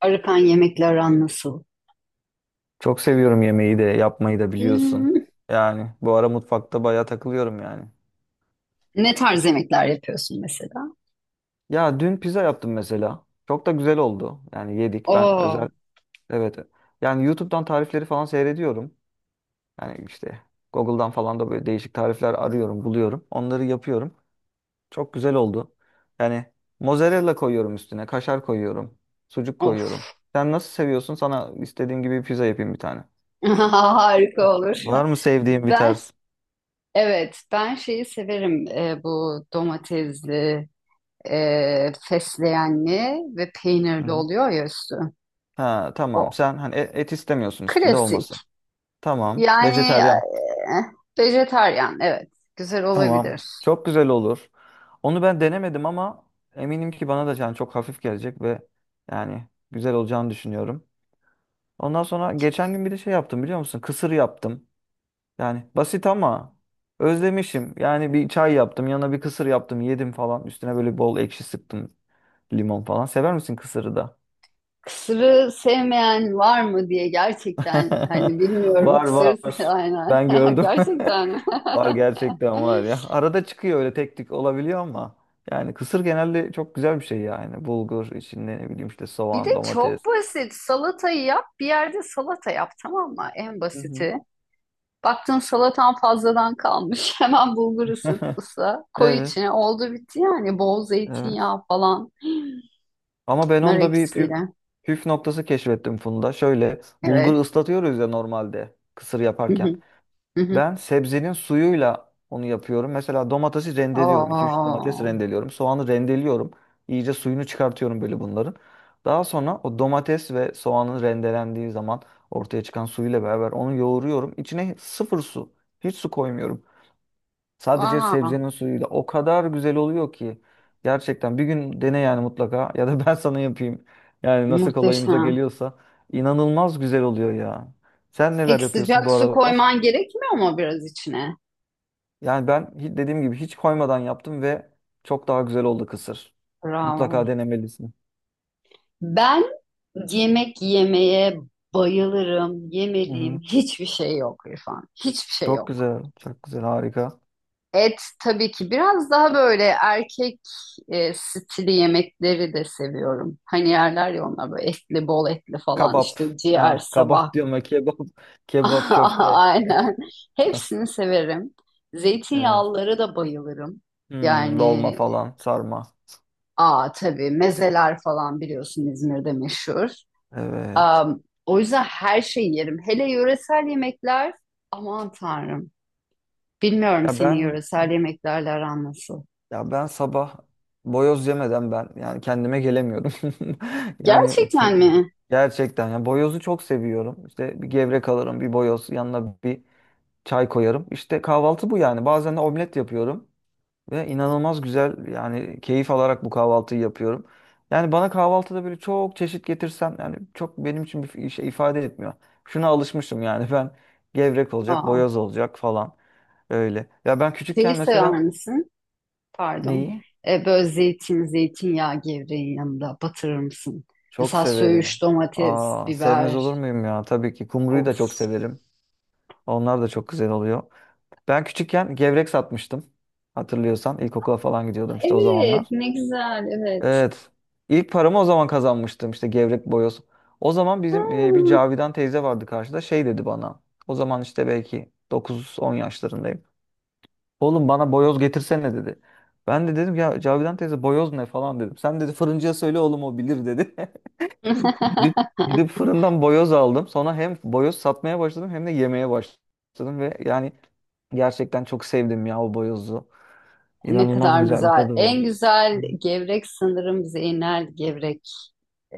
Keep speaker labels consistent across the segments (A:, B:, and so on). A: Arıkan yemekle aran nasıl?
B: Çok seviyorum yemeği de yapmayı da biliyorsun.
A: Hmm,
B: Yani bu ara mutfakta bayağı takılıyorum yani.
A: ne tarz yemekler yapıyorsun mesela?
B: Ya dün pizza yaptım mesela. Çok da güzel oldu. Yani yedik. Ben
A: Oo,
B: özel evet. Yani YouTube'dan tarifleri falan seyrediyorum. Yani işte Google'dan falan da böyle değişik tarifler arıyorum, buluyorum. Onları yapıyorum. Çok güzel oldu. Yani mozzarella koyuyorum üstüne, kaşar koyuyorum, sucuk koyuyorum.
A: of.
B: Sen nasıl seviyorsun? Sana istediğim gibi pizza yapayım bir tane.
A: Harika olur.
B: Var mı sevdiğin bir
A: Ben
B: tarz?
A: evet ben şeyi severim bu domatesli, fesleğenli ve
B: Hı
A: peynirli
B: hı.
A: oluyor ya üstü.
B: Ha,
A: O
B: tamam. Sen hani et istemiyorsun, üstünde
A: klasik.
B: olmasın. Tamam.
A: Yani
B: Vejeteryan.
A: Vejetaryen evet güzel
B: Tamam.
A: olabilir.
B: Çok güzel olur. Onu ben denemedim ama eminim ki bana da yani çok hafif gelecek ve yani güzel olacağını düşünüyorum. Ondan sonra geçen gün bir de şey yaptım, biliyor musun? Kısır yaptım. Yani basit ama özlemişim. Yani bir çay yaptım, yanına bir kısır yaptım, yedim falan. Üstüne böyle bol ekşi sıktım, limon falan. Sever misin kısırı da?
A: Kısırı sevmeyen var mı diye gerçekten hani bilmiyorum
B: Var, var.
A: kısır aynen
B: Ben gördüm.
A: gerçekten mi?
B: Var, gerçekten var ya. Arada çıkıyor, öyle tek tük olabiliyor ama yani kısır genelde çok güzel bir şey yani. Bulgur içinde ne bileyim işte
A: Bir de
B: soğan,
A: çok
B: domates.
A: basit salatayı yap bir yerde salata yap tamam mı en
B: Hı hı.
A: basiti. Baktın salatan fazladan kalmış hemen bulgur ısıt ısla koy
B: Evet,
A: içine oldu bitti yani bol
B: evet.
A: zeytinyağı falan
B: Ama ben
A: nar
B: onda bir
A: ekşisiyle
B: püf noktası keşfettim Funda. Şöyle bulgur
A: evet.
B: ıslatıyoruz ya normalde kısır
A: Hı
B: yaparken.
A: hı, hı hı.
B: Ben sebzenin suyuyla onu yapıyorum. Mesela domatesi rendeliyorum. 2 3 domates
A: Oo,
B: rendeliyorum. Soğanı rendeliyorum. İyice suyunu çıkartıyorum böyle bunların. Daha sonra o domates ve soğanın rendelendiği zaman ortaya çıkan suyuyla beraber onu yoğuruyorum. İçine sıfır su. Hiç su koymuyorum. Sadece
A: vah,
B: sebzenin suyuyla. O kadar güzel oluyor ki. Gerçekten bir gün dene yani mutlaka. Ya da ben sana yapayım. Yani nasıl kolayımıza
A: muhteşem.
B: geliyorsa. İnanılmaz güzel oluyor ya. Sen neler
A: Peki
B: yapıyorsun
A: sıcak
B: bu
A: su
B: aralar?
A: koyman gerekmiyor mu biraz içine?
B: Yani ben dediğim gibi hiç koymadan yaptım ve çok daha güzel oldu kısır. Mutlaka
A: Bravo.
B: denemelisin.
A: Ben yemek yemeye bayılırım.
B: Hı
A: Yemediğim
B: hı.
A: hiçbir şey yok İrfan. Hiçbir şey
B: Çok
A: yok.
B: güzel, çok güzel, harika.
A: Et tabii ki biraz daha böyle erkek stili yemekleri de seviyorum. Hani yerler ya onlar böyle etli, bol etli falan
B: Kabap.
A: işte ciğer,
B: Ya kabap
A: sabah.
B: diyorum ya kebap, kebap köfte.
A: Aynen. Hepsini severim.
B: Evet.
A: Zeytinyağlıları da bayılırım.
B: Hmm,
A: Yani
B: dolma falan, sarma.
A: aa tabii mezeler falan biliyorsun İzmir'de meşhur.
B: Evet.
A: O yüzden her şeyi yerim. Hele yöresel yemekler aman tanrım. Bilmiyorum
B: Ya
A: senin
B: ben
A: yöresel yemeklerle aran nasıl.
B: ya ben sabah boyoz yemeden ben yani kendime gelemiyorum. Yani
A: Gerçekten mi?
B: gerçekten ya boyozu çok seviyorum. İşte bir gevrek alırım, bir boyoz, yanına bir çay koyarım. İşte kahvaltı bu yani. Bazen de omlet yapıyorum ve inanılmaz güzel yani keyif alarak bu kahvaltıyı yapıyorum. Yani bana kahvaltıda böyle çok çeşit getirsem yani çok benim için bir şey ifade etmiyor. Şuna alışmışım yani. Ben gevrek olacak,
A: Aa,
B: boyoz olacak falan öyle. Ya ben
A: şeyi
B: küçükken
A: sever
B: mesela
A: misin? Pardon.
B: neyi?
A: Böyle zeytin, zeytinyağı gevreğin yanında batırır mısın?
B: Çok
A: Mesela
B: severim.
A: söğüş, domates,
B: Aa, sevmez
A: biber.
B: olur muyum ya? Tabii ki kumruyu da
A: Of.
B: çok severim. Onlar da çok güzel oluyor. Ben küçükken gevrek satmıştım. Hatırlıyorsan ilkokula falan gidiyordum işte o
A: Evet,
B: zamanlar.
A: ne güzel, evet.
B: Evet. İlk paramı o zaman kazanmıştım, işte gevrek, boyoz. O zaman bizim bir
A: Hmm.
B: Cavidan teyze vardı karşıda, şey dedi bana. O zaman işte belki 9 10 yaşlarındayım. Oğlum bana boyoz getirsene, dedi. Ben de dedim, ya Cavidan teyze boyoz ne falan dedim. Sen dedi fırıncıya söyle oğlum, o bilir dedi. Gidip, gidip fırından boyoz aldım. Sonra hem boyoz satmaya başladım hem de yemeye başladım. Ve yani gerçekten çok sevdim ya o boyozu.
A: Ne
B: İnanılmaz
A: kadar
B: güzel bir
A: güzel.
B: tadı
A: En
B: var. Hı.
A: güzel gevrek sanırım Zeynel Gevrek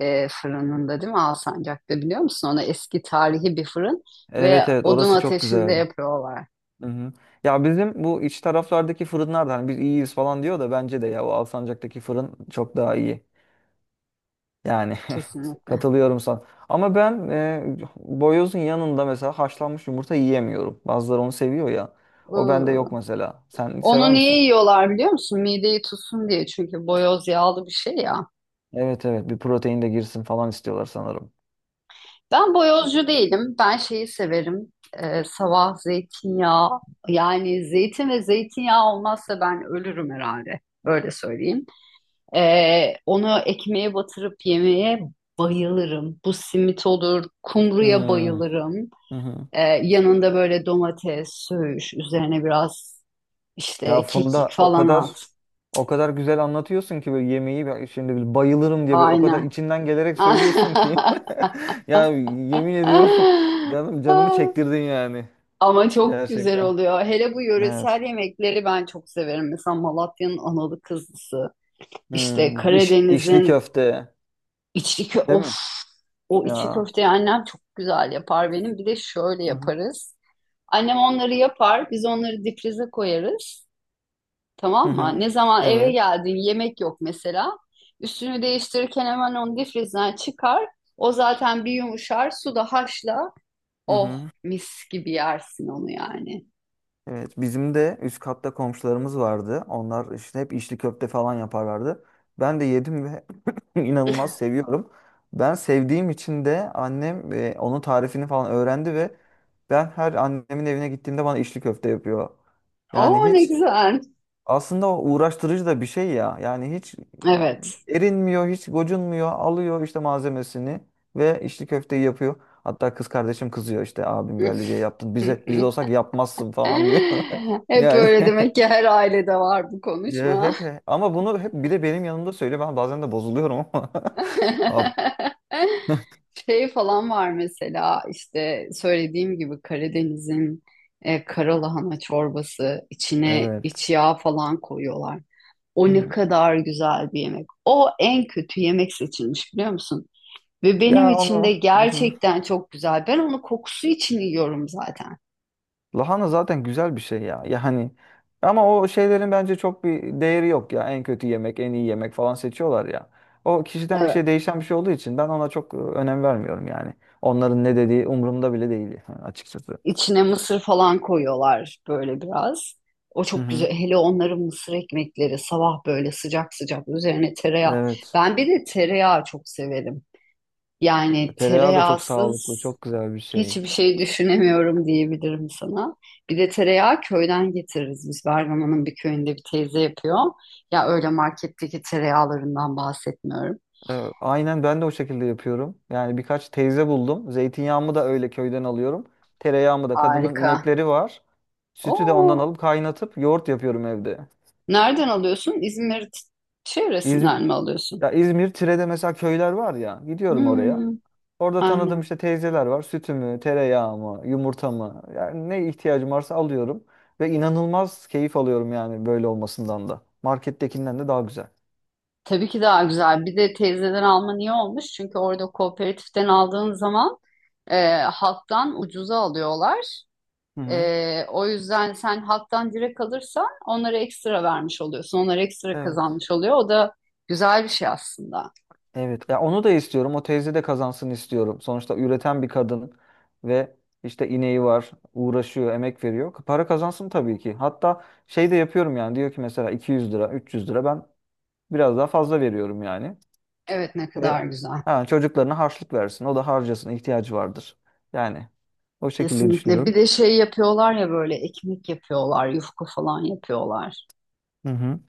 A: fırınında değil mi Alsancak'ta biliyor musun? Ona eski tarihi bir fırın ve
B: Evet, evet,
A: odun
B: orası çok
A: ateşinde
B: güzeldi.
A: yapıyorlar.
B: Hı hı. Ya bizim bu iç taraflardaki fırınlar da hani biz iyiyiz falan diyor da bence de ya o Alsancak'taki fırın çok daha iyi. Yani
A: Kesinlikle.
B: katılıyorum sana. Ama ben boyozun yanında mesela haşlanmış yumurta yiyemiyorum. Bazıları onu seviyor ya. O bende
A: Iı.
B: yok mesela. Sen sever
A: Onu niye
B: misin?
A: yiyorlar biliyor musun? Mideyi tutsun diye. Çünkü boyoz yağlı bir şey ya.
B: Evet, evet, bir protein de girsin falan istiyorlar sanırım.
A: Ben boyozcu değilim. Ben şeyi severim. Sabah zeytinyağı. Yani zeytin ve zeytinyağı olmazsa ben ölürüm herhalde. Öyle söyleyeyim. Onu ekmeğe batırıp yemeye bayılırım. Bu simit olur, kumruya
B: Hmm.
A: bayılırım.
B: Hı hı.
A: Yanında böyle domates, söğüş, üzerine biraz
B: Ya
A: işte kekik
B: Funda, o
A: falan at.
B: kadar o kadar güzel anlatıyorsun ki, böyle yemeği ben şimdi böyle bayılırım diye böyle o kadar
A: Aynen.
B: içinden gelerek söylüyorsun ki. Ya yemin ediyorum, canım, canımı çektirdin yani.
A: Ama çok güzel
B: Gerçekten.
A: oluyor. Hele bu
B: Evet.
A: yöresel yemekleri ben çok severim. Mesela Malatya'nın analı kızlısı, işte
B: Hmm, işli
A: Karadeniz'in
B: köfte.
A: İçli kö
B: Değil
A: of
B: mi?
A: o içli
B: Ya.
A: köfteyi annem çok güzel yapar benim. Bir de şöyle
B: Hı hı.
A: yaparız. Annem onları yapar, biz onları difrize koyarız.
B: Hı
A: Tamam mı?
B: hı.
A: Ne zaman eve
B: Evet.
A: geldin yemek yok mesela. Üstünü değiştirirken hemen onu difrizden çıkar. O zaten bir yumuşar, suda haşla.
B: Hı
A: Oh,
B: hı.
A: mis gibi yersin onu yani.
B: Evet, bizim de üst katta komşularımız vardı. Onlar işte hep içli köfte falan yaparlardı. Ben de yedim ve inanılmaz seviyorum. Ben sevdiğim için de annem onun tarifini falan öğrendi ve ben her annemin evine gittiğimde bana içli köfte yapıyor. Yani
A: Oo ne
B: hiç,
A: güzel.
B: aslında o uğraştırıcı da bir şey ya. Yani hiç
A: Evet.
B: erinmiyor, hiç gocunmuyor. Alıyor işte malzemesini ve işte köfteyi yapıyor. Hatta kız kardeşim kızıyor, işte abim geldi diye yaptın. Bize, biz olsak yapmazsın falan diyor.
A: Hep
B: Yani,
A: öyle demek ki her ailede var bu
B: ya
A: konuşma.
B: hep, ama bunu hep bir de benim yanımda söyle. Ben bazen de bozuluyorum ama. Ab-
A: Şey falan var mesela işte söylediğim gibi Karadeniz'in karalahana çorbası içine
B: evet.
A: iç yağ falan koyuyorlar.
B: Hı
A: O ne
B: hı.
A: kadar güzel bir yemek. O en kötü yemek seçilmiş biliyor musun? Ve benim
B: Ya
A: için
B: onu.
A: de
B: Hı hı.
A: gerçekten çok güzel. Ben onu kokusu için yiyorum zaten.
B: Lahana zaten güzel bir şey ya. Ya hani ama o şeylerin bence çok bir değeri yok ya. En kötü yemek, en iyi yemek falan seçiyorlar ya. O kişiden kişiye değişen bir şey olduğu için ben ona çok önem vermiyorum yani. Onların ne dediği umurumda bile değil açıkçası.
A: İçine mısır falan koyuyorlar böyle biraz. O
B: Hı
A: çok
B: hı.
A: güzel. Hele onların mısır ekmekleri sabah böyle sıcak sıcak üzerine tereyağı.
B: Evet.
A: Ben bir de tereyağı çok severim. Yani
B: Tereyağı da çok sağlıklı,
A: tereyağsız
B: çok güzel bir şey.
A: hiçbir şey düşünemiyorum diyebilirim sana. Bir de tereyağı köyden getiririz biz. Bergama'nın bir köyünde bir teyze yapıyor. Ya öyle marketteki tereyağlarından bahsetmiyorum.
B: Aynen ben de o şekilde yapıyorum. Yani birkaç teyze buldum. Zeytinyağımı da öyle köyden alıyorum. Tereyağımı da, kadının
A: Harika.
B: inekleri var. Sütü de ondan
A: Oo,
B: alıp kaynatıp yoğurt yapıyorum evde.
A: nereden alıyorsun? İzmir
B: İzmir,
A: çevresinden mi alıyorsun?
B: Ya İzmir Tire'de mesela köyler var ya. Gidiyorum oraya.
A: Hmm.
B: Orada tanıdığım
A: Aynen.
B: işte teyzeler var. Sütümü, tereyağımı, yumurtamı. Yani ne ihtiyacım varsa alıyorum. Ve inanılmaz keyif alıyorum yani böyle olmasından da. Markettekinden de daha güzel.
A: Tabii ki daha güzel. Bir de teyzeden alman iyi olmuş. Çünkü orada kooperatiften aldığın zaman halktan ucuza alıyorlar.
B: Hı hı.
A: O yüzden sen halktan direkt alırsan onlara ekstra vermiş oluyorsun. Onlar ekstra
B: Evet.
A: kazanmış oluyor. O da güzel bir şey aslında.
B: Evet. Ya onu da istiyorum. O teyze de kazansın istiyorum. Sonuçta üreten bir kadın ve işte ineği var, uğraşıyor, emek veriyor. Para kazansın tabii ki. Hatta şey de yapıyorum yani. Diyor ki mesela 200 lira, 300 lira, ben biraz daha fazla veriyorum yani.
A: Evet ne kadar
B: Ve
A: güzel.
B: ha, çocuklarına harçlık versin. O da harcasın, ihtiyacı vardır. Yani o şekilde
A: Kesinlikle.
B: düşünüyorum.
A: Bir de şey yapıyorlar ya böyle ekmek yapıyorlar, yufka falan yapıyorlar.
B: Hı hı.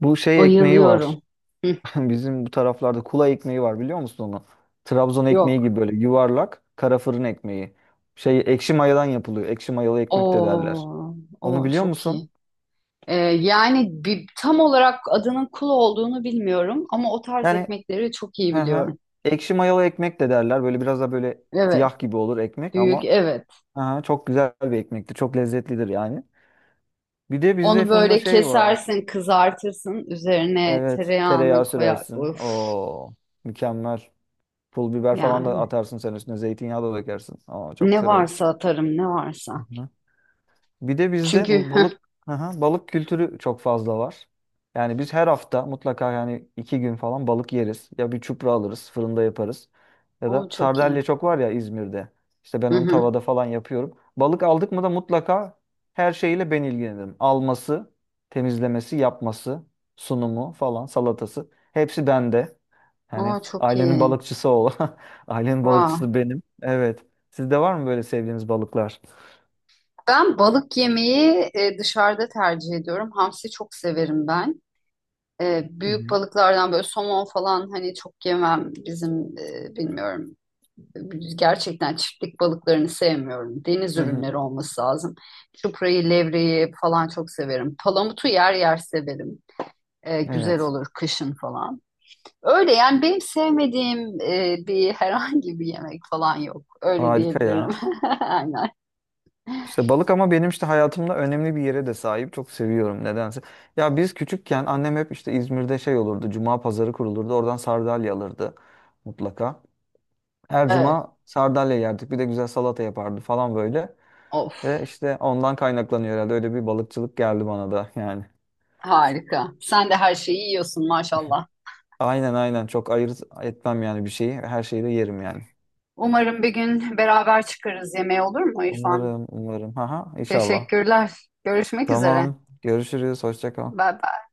B: Bu şey ekmeği var.
A: Bayılıyorum. Hı,
B: Bizim bu taraflarda kula ekmeği var, biliyor musun onu? Trabzon ekmeği
A: yok.
B: gibi böyle yuvarlak kara fırın ekmeği. Şey, ekşi mayadan yapılıyor. Ekşi mayalı ekmek de derler.
A: Oo,
B: Onu
A: o
B: biliyor
A: çok
B: musun?
A: iyi. Yani bir, tam olarak adının kul olduğunu bilmiyorum ama o tarz
B: Yani,
A: ekmekleri çok iyi
B: hı hı.
A: biliyorum.
B: Ekşi mayalı ekmek de derler. Böyle biraz da böyle
A: Evet,
B: siyah gibi olur ekmek
A: büyük
B: ama,
A: evet.
B: hı hı, çok güzel bir ekmektir. Çok lezzetlidir yani. Bir de bizde
A: Onu
B: Funda
A: böyle
B: şey var.
A: kesersin, kızartırsın, üzerine
B: Evet, tereyağı
A: tereyağını koyar.
B: sürersin.
A: Of,
B: Oo, mükemmel. Pul biber falan da
A: yani
B: atarsın sen üstüne. Zeytinyağı da dökersin. Aa, çok
A: ne
B: güzel olur.
A: varsa atarım, ne varsa.
B: Hı hı. Bir de bizde
A: Çünkü
B: bu balık, aha, balık kültürü çok fazla var. Yani biz her hafta mutlaka yani iki gün falan balık yeriz. Ya bir çupra alırız, fırında yaparız. Ya da
A: o çok
B: sardalya
A: iyi.
B: çok var ya İzmir'de. İşte ben
A: Hı
B: onu
A: hı.
B: tavada falan yapıyorum. Balık aldık mı da mutlaka her şeyiyle ben ilgilenirim. Alması, temizlemesi, yapması, sunumu falan, salatası. Hepsi bende. Hani
A: O çok
B: ailenin
A: iyi.
B: balıkçısı ol. Ailenin
A: Vah.
B: balıkçısı benim. Evet. Sizde var mı böyle sevdiğiniz balıklar?
A: Ben balık yemeği dışarıda tercih ediyorum. Hamsi çok severim ben.
B: Hı
A: Büyük
B: hı.
A: balıklardan böyle somon falan hani çok yemem bizim bilmiyorum gerçekten çiftlik balıklarını sevmiyorum. Deniz
B: Hı hı.
A: ürünleri olması lazım. Çuprayı, levreyi falan çok severim. Palamutu yer yer severim. Güzel
B: Evet.
A: olur kışın falan. Öyle yani benim sevmediğim bir herhangi bir yemek falan yok. Öyle
B: Harika
A: diyebilirim.
B: ya.
A: Aynen.
B: İşte balık ama benim işte hayatımda önemli bir yere de sahip. Çok seviyorum nedense. Ya biz küçükken annem hep işte İzmir'de şey olurdu. Cuma pazarı kurulurdu. Oradan sardalya alırdı mutlaka. Her
A: Evet.
B: cuma sardalya yerdik. Bir de güzel salata yapardı falan böyle.
A: Of,
B: Ve işte ondan kaynaklanıyor herhalde. Öyle bir balıkçılık geldi bana da yani.
A: harika. Sen de her şeyi yiyorsun maşallah.
B: Aynen, aynen, çok ayırt etmem yani bir şeyi. Her şeyi de yerim yani.
A: Umarım bir gün beraber çıkarız yemeğe olur mu İrfan?
B: Umarım, umarım. Haha, inşallah.
A: Teşekkürler. Görüşmek üzere.
B: Tamam. Görüşürüz. Hoşça kal.
A: Bye bye.